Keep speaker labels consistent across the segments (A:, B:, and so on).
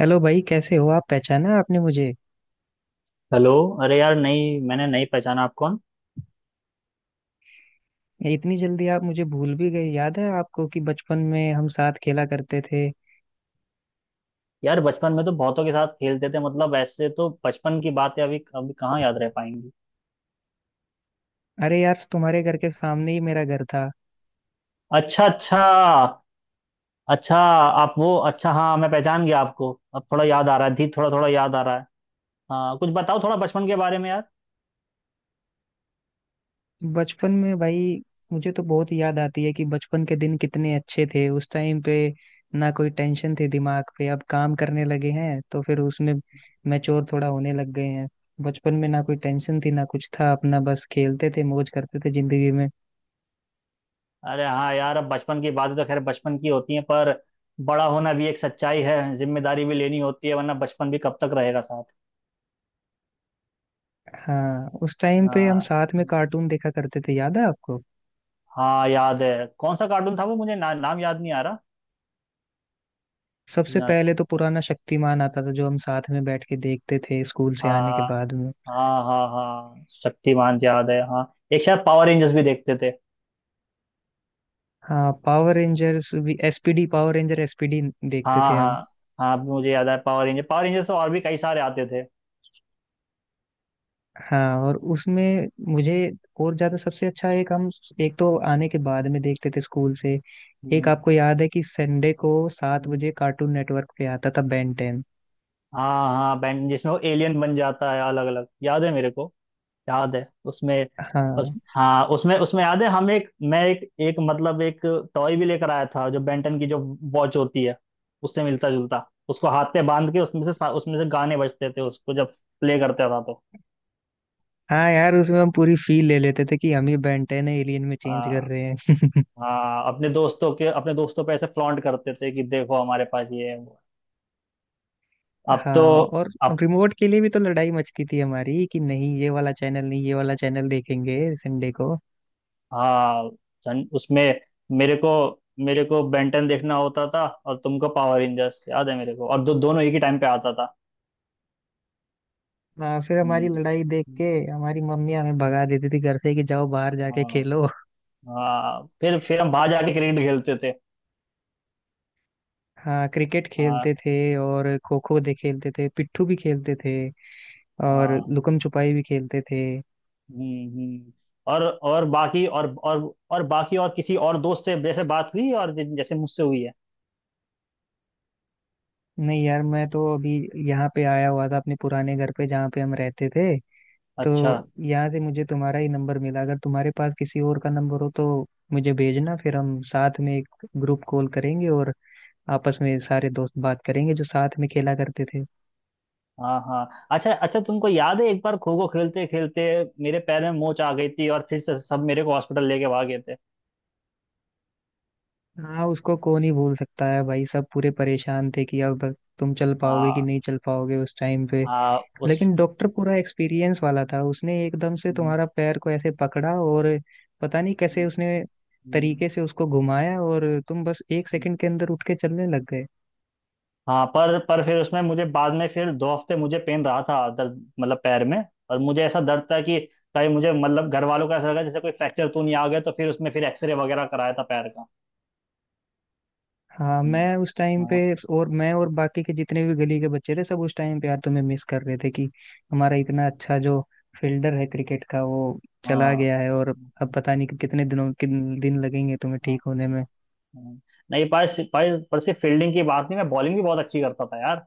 A: Hello भाई कैसे हो आप। पहचाना आपने मुझे।
B: हेलो। अरे यार, नहीं, मैंने नहीं पहचाना। आप कौन?
A: ये इतनी जल्दी आप मुझे भूल भी गए। याद है आपको कि बचपन में हम साथ खेला करते थे।
B: यार, बचपन में तो बहुतों के साथ खेलते थे। मतलब, ऐसे तो बचपन की बातें अभी अभी कहाँ याद रह पाएंगी।
A: अरे यार तुम्हारे घर के सामने ही मेरा घर था।
B: अच्छा, अच्छा। अच्छा, आप वो, अच्छा, हाँ, मैं पहचान गया आपको। अब थोड़ा याद आ रहा है, धीरे थोड़ा थोड़ा याद आ रहा है। हाँ, कुछ बताओ थोड़ा बचपन के बारे में यार।
A: बचपन में भाई मुझे तो बहुत याद आती है कि बचपन के दिन कितने अच्छे थे उस टाइम पे। ना कोई टेंशन थी दिमाग पे, अब काम करने लगे हैं तो फिर उसमें मैच्योर थोड़ा होने लग गए हैं। बचपन में ना कोई टेंशन थी ना कुछ था, अपना बस खेलते थे, मौज करते थे जिंदगी में।
B: अरे हाँ यार, अब बचपन की बातें तो खैर बचपन की होती हैं, पर बड़ा होना भी एक सच्चाई है, जिम्मेदारी भी लेनी होती है, वरना बचपन भी कब तक रहेगा साथ।
A: हाँ, उस टाइम पे हम
B: हाँ,
A: साथ में कार्टून देखा करते थे, याद है आपको?
B: हाँ, याद है। कौन सा कार्टून था वो? मुझे ना, नाम याद नहीं आ
A: सबसे
B: रहा।
A: पहले तो पुराना शक्तिमान आता था जो हम साथ में बैठ के देखते थे स्कूल से आने
B: हाँ,
A: के बाद में।
B: हाँ, हाँ, हाँ, शक्तिमान याद है, हाँ। एक शायद पावर रेंजर्स भी देखते थे।
A: हाँ, पावर रेंजर्स भी, एसपीडी, पावर रेंजर एसपीडी देखते
B: हाँ,
A: थे
B: हाँ,
A: हम।
B: हाँ, अब मुझे याद है। पावर रेंजर्स से और भी कई सारे आते थे।
A: हाँ, और उसमें मुझे और ज्यादा सबसे अच्छा एक हम, एक तो आने के बाद में देखते थे स्कूल से। एक
B: हम्म,
A: आपको याद है कि संडे को सात
B: हम्म।
A: बजे कार्टून नेटवर्क पे आता था, बेन टेन।
B: हाँ, हाँ, बैंड जिसमें वो एलियन बन जाता है अलग अलग, याद है मेरे को। याद है उसमें। उस
A: हाँ
B: हाँ, उसमें उसमें याद है, हम एक, मैं एक एक मतलब एक टॉय भी लेकर आया था, जो बेंटन की, जो वॉच होती है उससे मिलता जुलता, उसको हाथ पे बांध के उसमें से उसमें से गाने बजते थे, उसको जब प्ले करता था तो।
A: हाँ, यार उसमें हम पूरी फील ले लेते थे कि हम ही बेन टेन है, एलियन में चेंज कर
B: हाँ।
A: रहे हैं।
B: हाँ, अपने दोस्तों पे ऐसे फ्लॉन्ट करते थे कि देखो, हमारे पास ये है, वो है। अब तो,
A: हाँ, और
B: अब।
A: रिमोट के लिए भी तो लड़ाई मचती थी हमारी कि नहीं ये वाला चैनल, नहीं ये वाला चैनल देखेंगे संडे को।
B: हाँ, उसमें मेरे को मेरे को बेंटन देखना होता था और तुमको पावर रेंजर्स, याद है मेरे को, और दोनों एक ही टाइम पे आता था।
A: हाँ, फिर हमारी
B: हम्म,
A: लड़ाई देख के हमारी मम्मी हमें भगा देती थी घर से कि जाओ बाहर जाके
B: हाँ।
A: खेलो।
B: हाँ, फिर हम बाहर जाके क्रिकेट खेलते थे।
A: हाँ, क्रिकेट
B: हाँ,
A: खेलते थे और खो खो दे खेलते थे, पिट्ठू भी खेलते थे, और
B: हाँ,
A: लुकम छुपाई भी खेलते थे।
B: हम्म, और और बाकी और और और बाकी, और किसी और दोस्त से जैसे बात हुई और जैसे मुझसे हुई है।
A: नहीं यार, मैं तो अभी यहाँ पे आया हुआ था अपने पुराने घर पे जहाँ पे हम रहते थे, तो
B: अच्छा,
A: यहाँ से मुझे तुम्हारा ही नंबर मिला। अगर तुम्हारे पास किसी और का नंबर हो तो मुझे भेजना, फिर हम साथ में एक ग्रुप कॉल करेंगे और आपस में सारे दोस्त बात करेंगे जो साथ में खेला करते थे।
B: हाँ, हाँ, अच्छा, अच्छा, तुमको याद है एक बार खो खो खेलते खेलते मेरे पैर में मोच आ गई थी, और फिर से सब मेरे को हॉस्पिटल लेके भाग गए थे।
A: हाँ, उसको कौन ही भूल सकता है भाई। सब पूरे परेशान थे कि अब तुम चल पाओगे कि
B: हाँ,
A: नहीं चल पाओगे उस टाइम पे।
B: हाँ, उस
A: लेकिन डॉक्टर पूरा एक्सपीरियंस वाला था, उसने एकदम से
B: हम्म,
A: तुम्हारा पैर को ऐसे पकड़ा और पता नहीं
B: हम्म,
A: कैसे उसने
B: हम्म।
A: तरीके से उसको घुमाया और तुम बस एक सेकंड के अंदर उठ के चलने लग गए।
B: हाँ, पर फिर उसमें मुझे बाद में फिर 2 हफ्ते मुझे पेन रहा था, दर्द मतलब, पैर में। और मुझे ऐसा दर्द था कि कहीं मुझे मतलब घर वालों को ऐसा लगा जैसे कोई फ्रैक्चर तो नहीं आ गया, तो फिर उसमें फिर एक्सरे वगैरह कराया था पैर का।
A: हाँ,
B: हम्म,
A: मैं उस टाइम पे
B: हाँ,
A: और मैं और बाकी के जितने भी गली के बच्चे थे सब उस टाइम पे यार तुम्हें मिस कर रहे थे कि हमारा इतना अच्छा जो फील्डर है क्रिकेट का वो
B: हाँ,
A: चला
B: हाँ,
A: गया है, और अब पता नहीं कि कितने दिनों, किन दिन लगेंगे तुम्हें ठीक होने में।
B: हाँ। नहीं, पर सिर्फ फील्डिंग की बात नहीं, मैं बॉलिंग भी बहुत अच्छी करता था यार।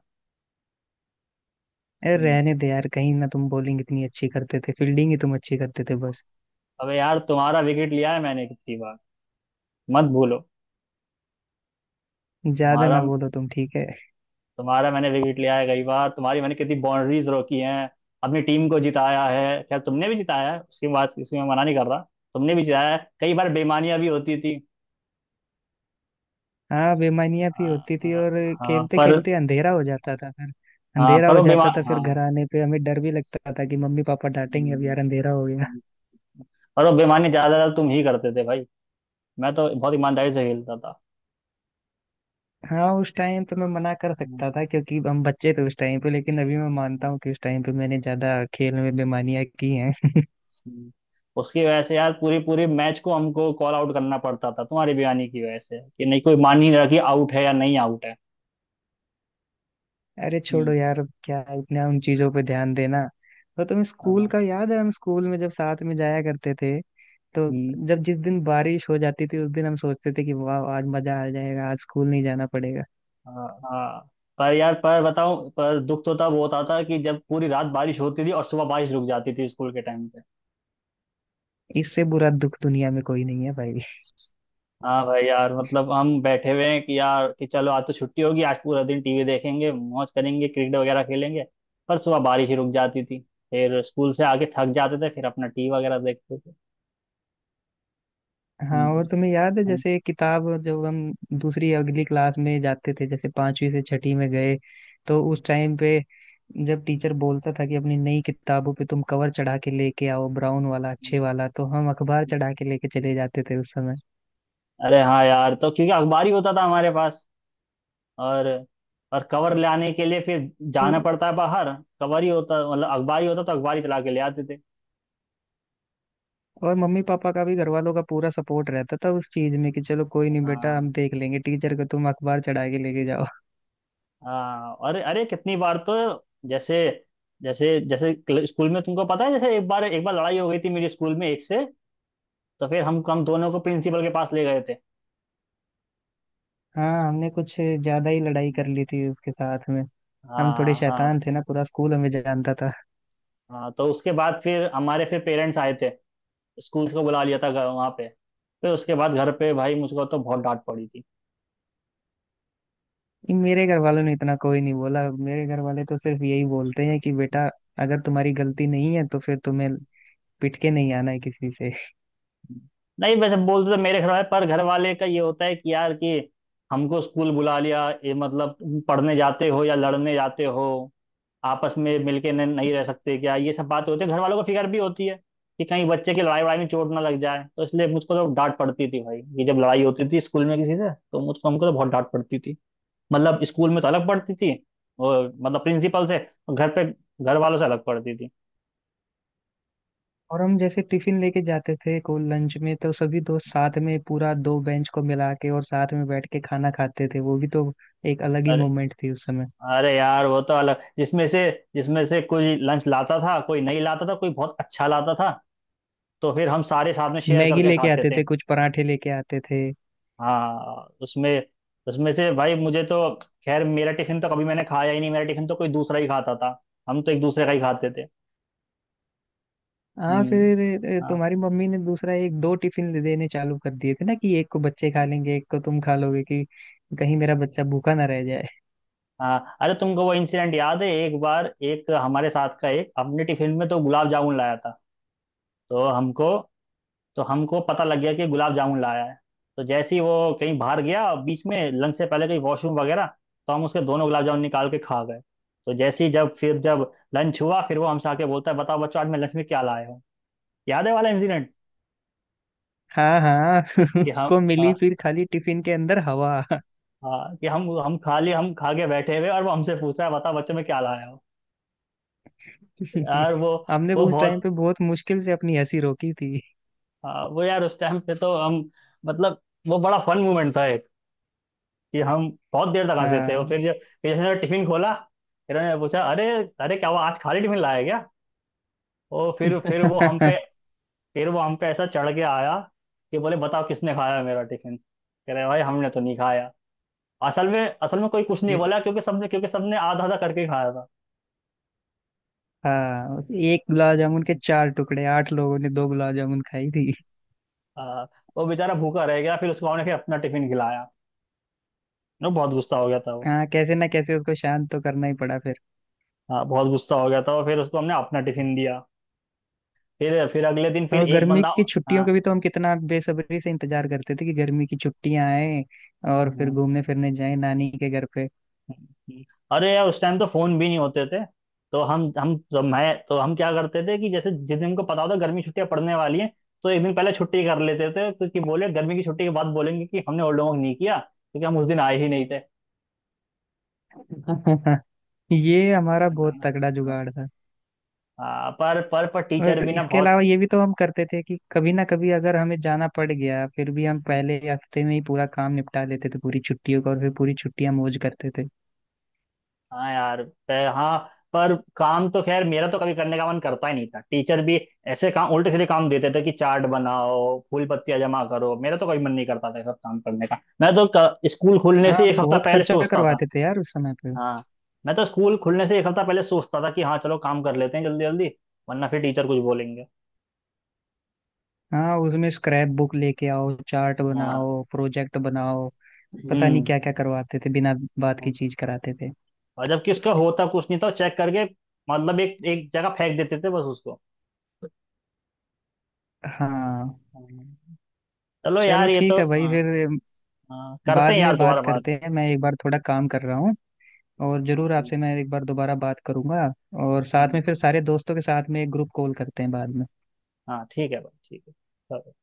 A: अरे
B: हम्म,
A: रहने दे यार, कहीं ना तुम बॉलिंग इतनी अच्छी करते थे, फील्डिंग ही तुम अच्छी करते थे बस।
B: अबे यार, तुम्हारा विकेट लिया है मैंने कितनी बार, मत भूलो।
A: ज्यादा
B: तुम्हारा
A: ना बोलो तुम, ठीक है?
B: तुम्हारा मैंने विकेट लिया है कई बार, तुम्हारी मैंने कितनी बाउंड्रीज रोकी हैं, अपनी टीम को जिताया है। खैर, तुमने भी जिताया है, उसकी बात इसमें मैं मना नहीं कर रहा। तुमने भी जिताया है कई बार, बेईमानियां भी होती थी।
A: हाँ, बेमानियां भी
B: हाँ,
A: होती थी
B: हाँ,
A: और
B: हाँ,
A: खेलते
B: पर,
A: खेलते अंधेरा हो जाता था फिर।
B: हाँ, पर वो बेमा हाँ,
A: घर आने पे हमें डर भी लगता था कि मम्मी पापा डांटेंगे, अब
B: हम्म,
A: यार अंधेरा हो गया।
B: हम्म। पर वो बेईमानी ज्यादातर तुम ही करते थे भाई, मैं तो बहुत ईमानदारी से खेलता था।
A: हाँ उस टाइम पे मैं मना कर
B: हम्म,
A: सकता था क्योंकि हम बच्चे थे उस टाइम पे, लेकिन अभी मैं मानता हूँ कि उस टाइम पे मैंने ज्यादा खेल में बेमानियां की हैं।
B: हम्म। उसकी वजह से यार पूरी पूरी मैच को हमको कॉल आउट करना पड़ता था, तुम्हारी बयानी की वजह से, कि नहीं कोई मान ही नहीं रहा कि आउट है या नहीं आउट है।
A: अरे छोड़ो
B: हम्म,
A: यार, अब क्या इतना उन चीजों पे ध्यान देना। तो तुम्हें स्कूल
B: हाँ,
A: का याद है, हम स्कूल में जब साथ में जाया करते थे तो
B: हम्म,
A: जब जिस दिन बारिश हो जाती थी उस दिन हम सोचते थे कि वाह, आज मजा आ जाएगा, आज स्कूल नहीं जाना पड़ेगा।
B: हाँ, हाँ। पर यार, पर बताऊं, पर दुख तो तब होता था कि जब पूरी रात बारिश होती थी और सुबह बारिश रुक जाती थी स्कूल के टाइम पे।
A: इससे बुरा दुख दुनिया में कोई नहीं है भाई।
B: हाँ भाई यार, मतलब हम बैठे हुए हैं कि यार, कि चलो आज तो छुट्टी होगी, आज पूरा दिन टीवी देखेंगे, मौज करेंगे, क्रिकेट वगैरह खेलेंगे, पर सुबह बारिश ही रुक जाती थी। फिर स्कूल से आके थक जाते थे, फिर अपना टीवी वगैरह देखते थे।
A: हाँ, और
B: हम्म,
A: तुम्हें याद है
B: हाँ।
A: जैसे किताब, जब हम दूसरी अगली क्लास में जाते थे जैसे पांचवी से छठी में गए तो उस टाइम पे जब टीचर बोलता था कि अपनी नई किताबों पे तुम कवर चढ़ा के लेके आओ ब्राउन वाला, अच्छे वाला, तो हम अखबार चढ़ा के लेके चले जाते थे उस समय।
B: अरे हाँ यार, तो क्योंकि अखबार ही होता था हमारे पास। और कवर लाने के लिए फिर जाना पड़ता है बाहर। कवर ही होता, मतलब अखबार ही होता, तो अखबार ही चला के ले आते थे।
A: और मम्मी पापा का भी, घर वालों का पूरा सपोर्ट रहता था उस चीज में कि चलो कोई नहीं बेटा,
B: हाँ,
A: हम देख लेंगे टीचर को, तुम अखबार चढ़ा के लेके जाओ।
B: हाँ, और अरे कितनी बार तो जैसे, जैसे जैसे स्कूल में तुमको पता है, जैसे एक बार लड़ाई हो गई थी मेरे स्कूल में एक से, तो फिर हम दोनों को प्रिंसिपल के पास ले गए थे।
A: हाँ, हमने कुछ ज्यादा ही लड़ाई कर ली थी उसके साथ में। हम थोड़े
B: हाँ, हाँ,
A: शैतान थे ना, पूरा स्कूल हमें जानता था।
B: हाँ, तो उसके बाद फिर हमारे, फिर पेरेंट्स आए थे, स्कूल को बुला लिया था घर, वहाँ पे। फिर उसके बाद घर पे भाई मुझको तो बहुत डांट पड़ी थी।
A: मेरे घर वालों ने इतना कोई नहीं बोला। मेरे घर वाले तो सिर्फ यही बोलते हैं कि बेटा अगर तुम्हारी गलती नहीं है तो फिर तुम्हें पिट के नहीं आना है किसी से।
B: नहीं, वैसे बोलते तो मेरे घर वाले, पर घर वाले का ये होता है कि यार, कि हमको स्कूल बुला लिया, ये मतलब तुम पढ़ने जाते हो या लड़ने जाते हो? आपस में मिलके नहीं रह सकते क्या? ये सब बात होती है, घर वालों को फिक्र भी होती है कि कहीं बच्चे की लड़ाई वड़ाई में चोट ना लग जाए, तो इसलिए मुझको तो डांट पड़ती थी भाई ये, जब लड़ाई होती थी स्कूल में किसी से, तो मुझको हमको तो बहुत डांट पड़ती थी। मतलब, स्कूल में तो अलग पढ़ती थी, और मतलब प्रिंसिपल से, और घर पे घर वालों से अलग पढ़ती थी।
A: और हम जैसे टिफिन लेके जाते थे को लंच में तो सभी दोस्त साथ में पूरा दो बेंच को मिला के और साथ में बैठ के खाना खाते थे, वो भी तो एक अलग ही
B: अरे,
A: मोमेंट थी उस समय।
B: अरे यार वो तो अलग, जिसमें से कोई लंच लाता था, कोई नहीं लाता था, कोई बहुत अच्छा लाता था, तो फिर हम सारे साथ में शेयर
A: मैगी
B: करके
A: लेके
B: खाते
A: आते
B: थे।
A: थे, कुछ पराठे लेके आते थे।
B: हाँ, उसमें उसमें से भाई मुझे तो, खैर मेरा टिफिन तो कभी मैंने खाया ही नहीं, मेरा टिफिन तो कोई दूसरा ही खाता था। हम तो एक दूसरे का ही खाते थे।
A: हाँ
B: हम्म,
A: फिर
B: हाँ,
A: तुम्हारी मम्मी ने दूसरा एक दो टिफिन देने चालू कर दिए थे ना कि एक को बच्चे खा लेंगे, एक को तुम खा लोगे, कि कहीं मेरा बच्चा भूखा ना रह जाए।
B: हाँ, अरे तुमको वो इंसिडेंट याद है? एक बार एक हमारे साथ का एक अपने टिफिन में तो गुलाब जामुन लाया था। तो हमको तो हमको पता लग गया कि गुलाब जामुन लाया है। तो जैसे ही वो कहीं बाहर गया, और बीच में लंच से पहले कहीं वॉशरूम वगैरह, तो हम उसके दोनों गुलाब जामुन निकाल के खा गए। तो जैसे ही जब फिर जब लंच हुआ, फिर वो हमसे आके बोलता है, बताओ बच्चों, आज मैं लंच में क्या लाया हूँ? याद है वाला इंसिडेंट?
A: हाँ हाँ।
B: कि हम
A: उसको
B: आ,
A: मिली फिर खाली टिफिन के अंदर हवा।
B: आ, कि हम खा लिए, हम खा के बैठे हुए और वो हमसे पूछ रहा है, बताओ बच्चों में क्या लाया हो। यार वो,
A: हमने उस
B: बहुत,
A: टाइम पे बहुत मुश्किल से अपनी हंसी रोकी थी।
B: वो यार, उस टाइम पे तो हम, मतलब, वो बड़ा फन मोमेंट था कि हम बहुत देर तक हंसे थे। और
A: हाँ।
B: फिर जब, फिर जैसे टिफिन खोला, इन्होंने पूछा, अरे, अरे क्या वो आज खाली टिफिन लाया क्या? और फिर वो हम पे ऐसा चढ़ के आया कि बोले, बताओ किसने खाया मेरा टिफिन? कह रहे, भाई हमने तो नहीं खाया। असल में कोई कुछ नहीं बोला क्योंकि सबने, क्योंकि सबने आधा आधा करके खाया था।
A: हाँ, एक गुलाब जामुन के चार टुकड़े, आठ लोगों ने दो गुलाब जामुन खाई थी।
B: हाँ, वो बेचारा भूखा रह गया, फिर उसको हमने फिर अपना टिफिन खिलाया। वो बहुत गुस्सा हो गया था वो।
A: हाँ, कैसे ना कैसे उसको शांत तो करना ही पड़ा फिर।
B: हाँ, बहुत गुस्सा हो गया था, और फिर उसको हमने अपना टिफिन दिया। फिर अगले दिन फिर
A: और
B: एक
A: गर्मी
B: बंदा।
A: की छुट्टियों
B: हाँ,
A: का भी तो हम कितना बेसब्री से इंतजार करते थे कि गर्मी की छुट्टियां आए और फिर घूमने फिरने जाए नानी के घर पे।
B: हम्म। अरे यार, उस टाइम तो फोन भी नहीं होते थे। तो हम जब मैं तो हम क्या करते थे, कि जैसे जिस दिन हमको पता होता गर्मी छुट्टियां पड़ने वाली हैं, तो एक दिन पहले छुट्टी कर लेते थे, तो कि बोले गर्मी की छुट्टी के बाद बोलेंगे कि हमने ओल्ड होमवर्क नहीं किया, क्योंकि हम उस दिन आए ही नहीं थे, है
A: ये हमारा बहुत
B: ना?
A: तगड़ा जुगाड़।
B: हाँ, पर टीचर
A: और
B: भी ना
A: इसके
B: बहुत,
A: अलावा ये भी तो हम करते थे कि कभी ना कभी अगर हमें जाना पड़ गया फिर भी हम पहले हफ्ते में ही पूरा काम निपटा लेते थे पूरी छुट्टियों का, और फिर पूरी छुट्टियां मौज करते थे।
B: हाँ यार, हाँ, पर काम तो खैर मेरा तो कभी करने का मन करता ही नहीं था। टीचर भी ऐसे काम, उल्टे सीधे काम देते थे कि चार्ट बनाओ, फूल पत्तियां जमा करो। मेरा तो कभी मन नहीं करता था ये सब काम करने का, मैं तो स्कूल खुलने
A: हाँ,
B: से एक हफ्ता
A: बहुत
B: पहले
A: खर्चा
B: सोचता था।
A: करवाते थे यार उस समय पे।
B: हाँ, मैं तो स्कूल खुलने से एक हफ्ता पहले सोचता था कि हाँ चलो, काम कर लेते हैं जल्दी जल्दी, वरना फिर टीचर कुछ बोलेंगे।
A: हाँ, उसमें स्क्रैप बुक लेके आओ, चार्ट
B: हाँ,
A: बनाओ, प्रोजेक्ट बनाओ, पता नहीं
B: हम्म।
A: क्या क्या करवाते थे, बिना बात की चीज कराते थे।
B: और जबकि उसका होता कुछ नहीं था चेक करके, मतलब एक एक जगह फेंक देते थे बस उसको।
A: हाँ,
B: हाँ। चलो
A: चलो
B: यार, ये
A: ठीक
B: तो,
A: है भाई,
B: हाँ,
A: फिर
B: हाँ, करते
A: बाद
B: हैं यार
A: में बात
B: दोबारा बात।
A: करते हैं, मैं एक बार थोड़ा काम कर रहा हूँ। और जरूर आपसे मैं एक बार दोबारा बात करूंगा और साथ
B: हम्म,
A: में फिर सारे दोस्तों के साथ में एक ग्रुप कॉल करते हैं बाद में।
B: हाँ, ठीक है भाई, ठीक है, चलो।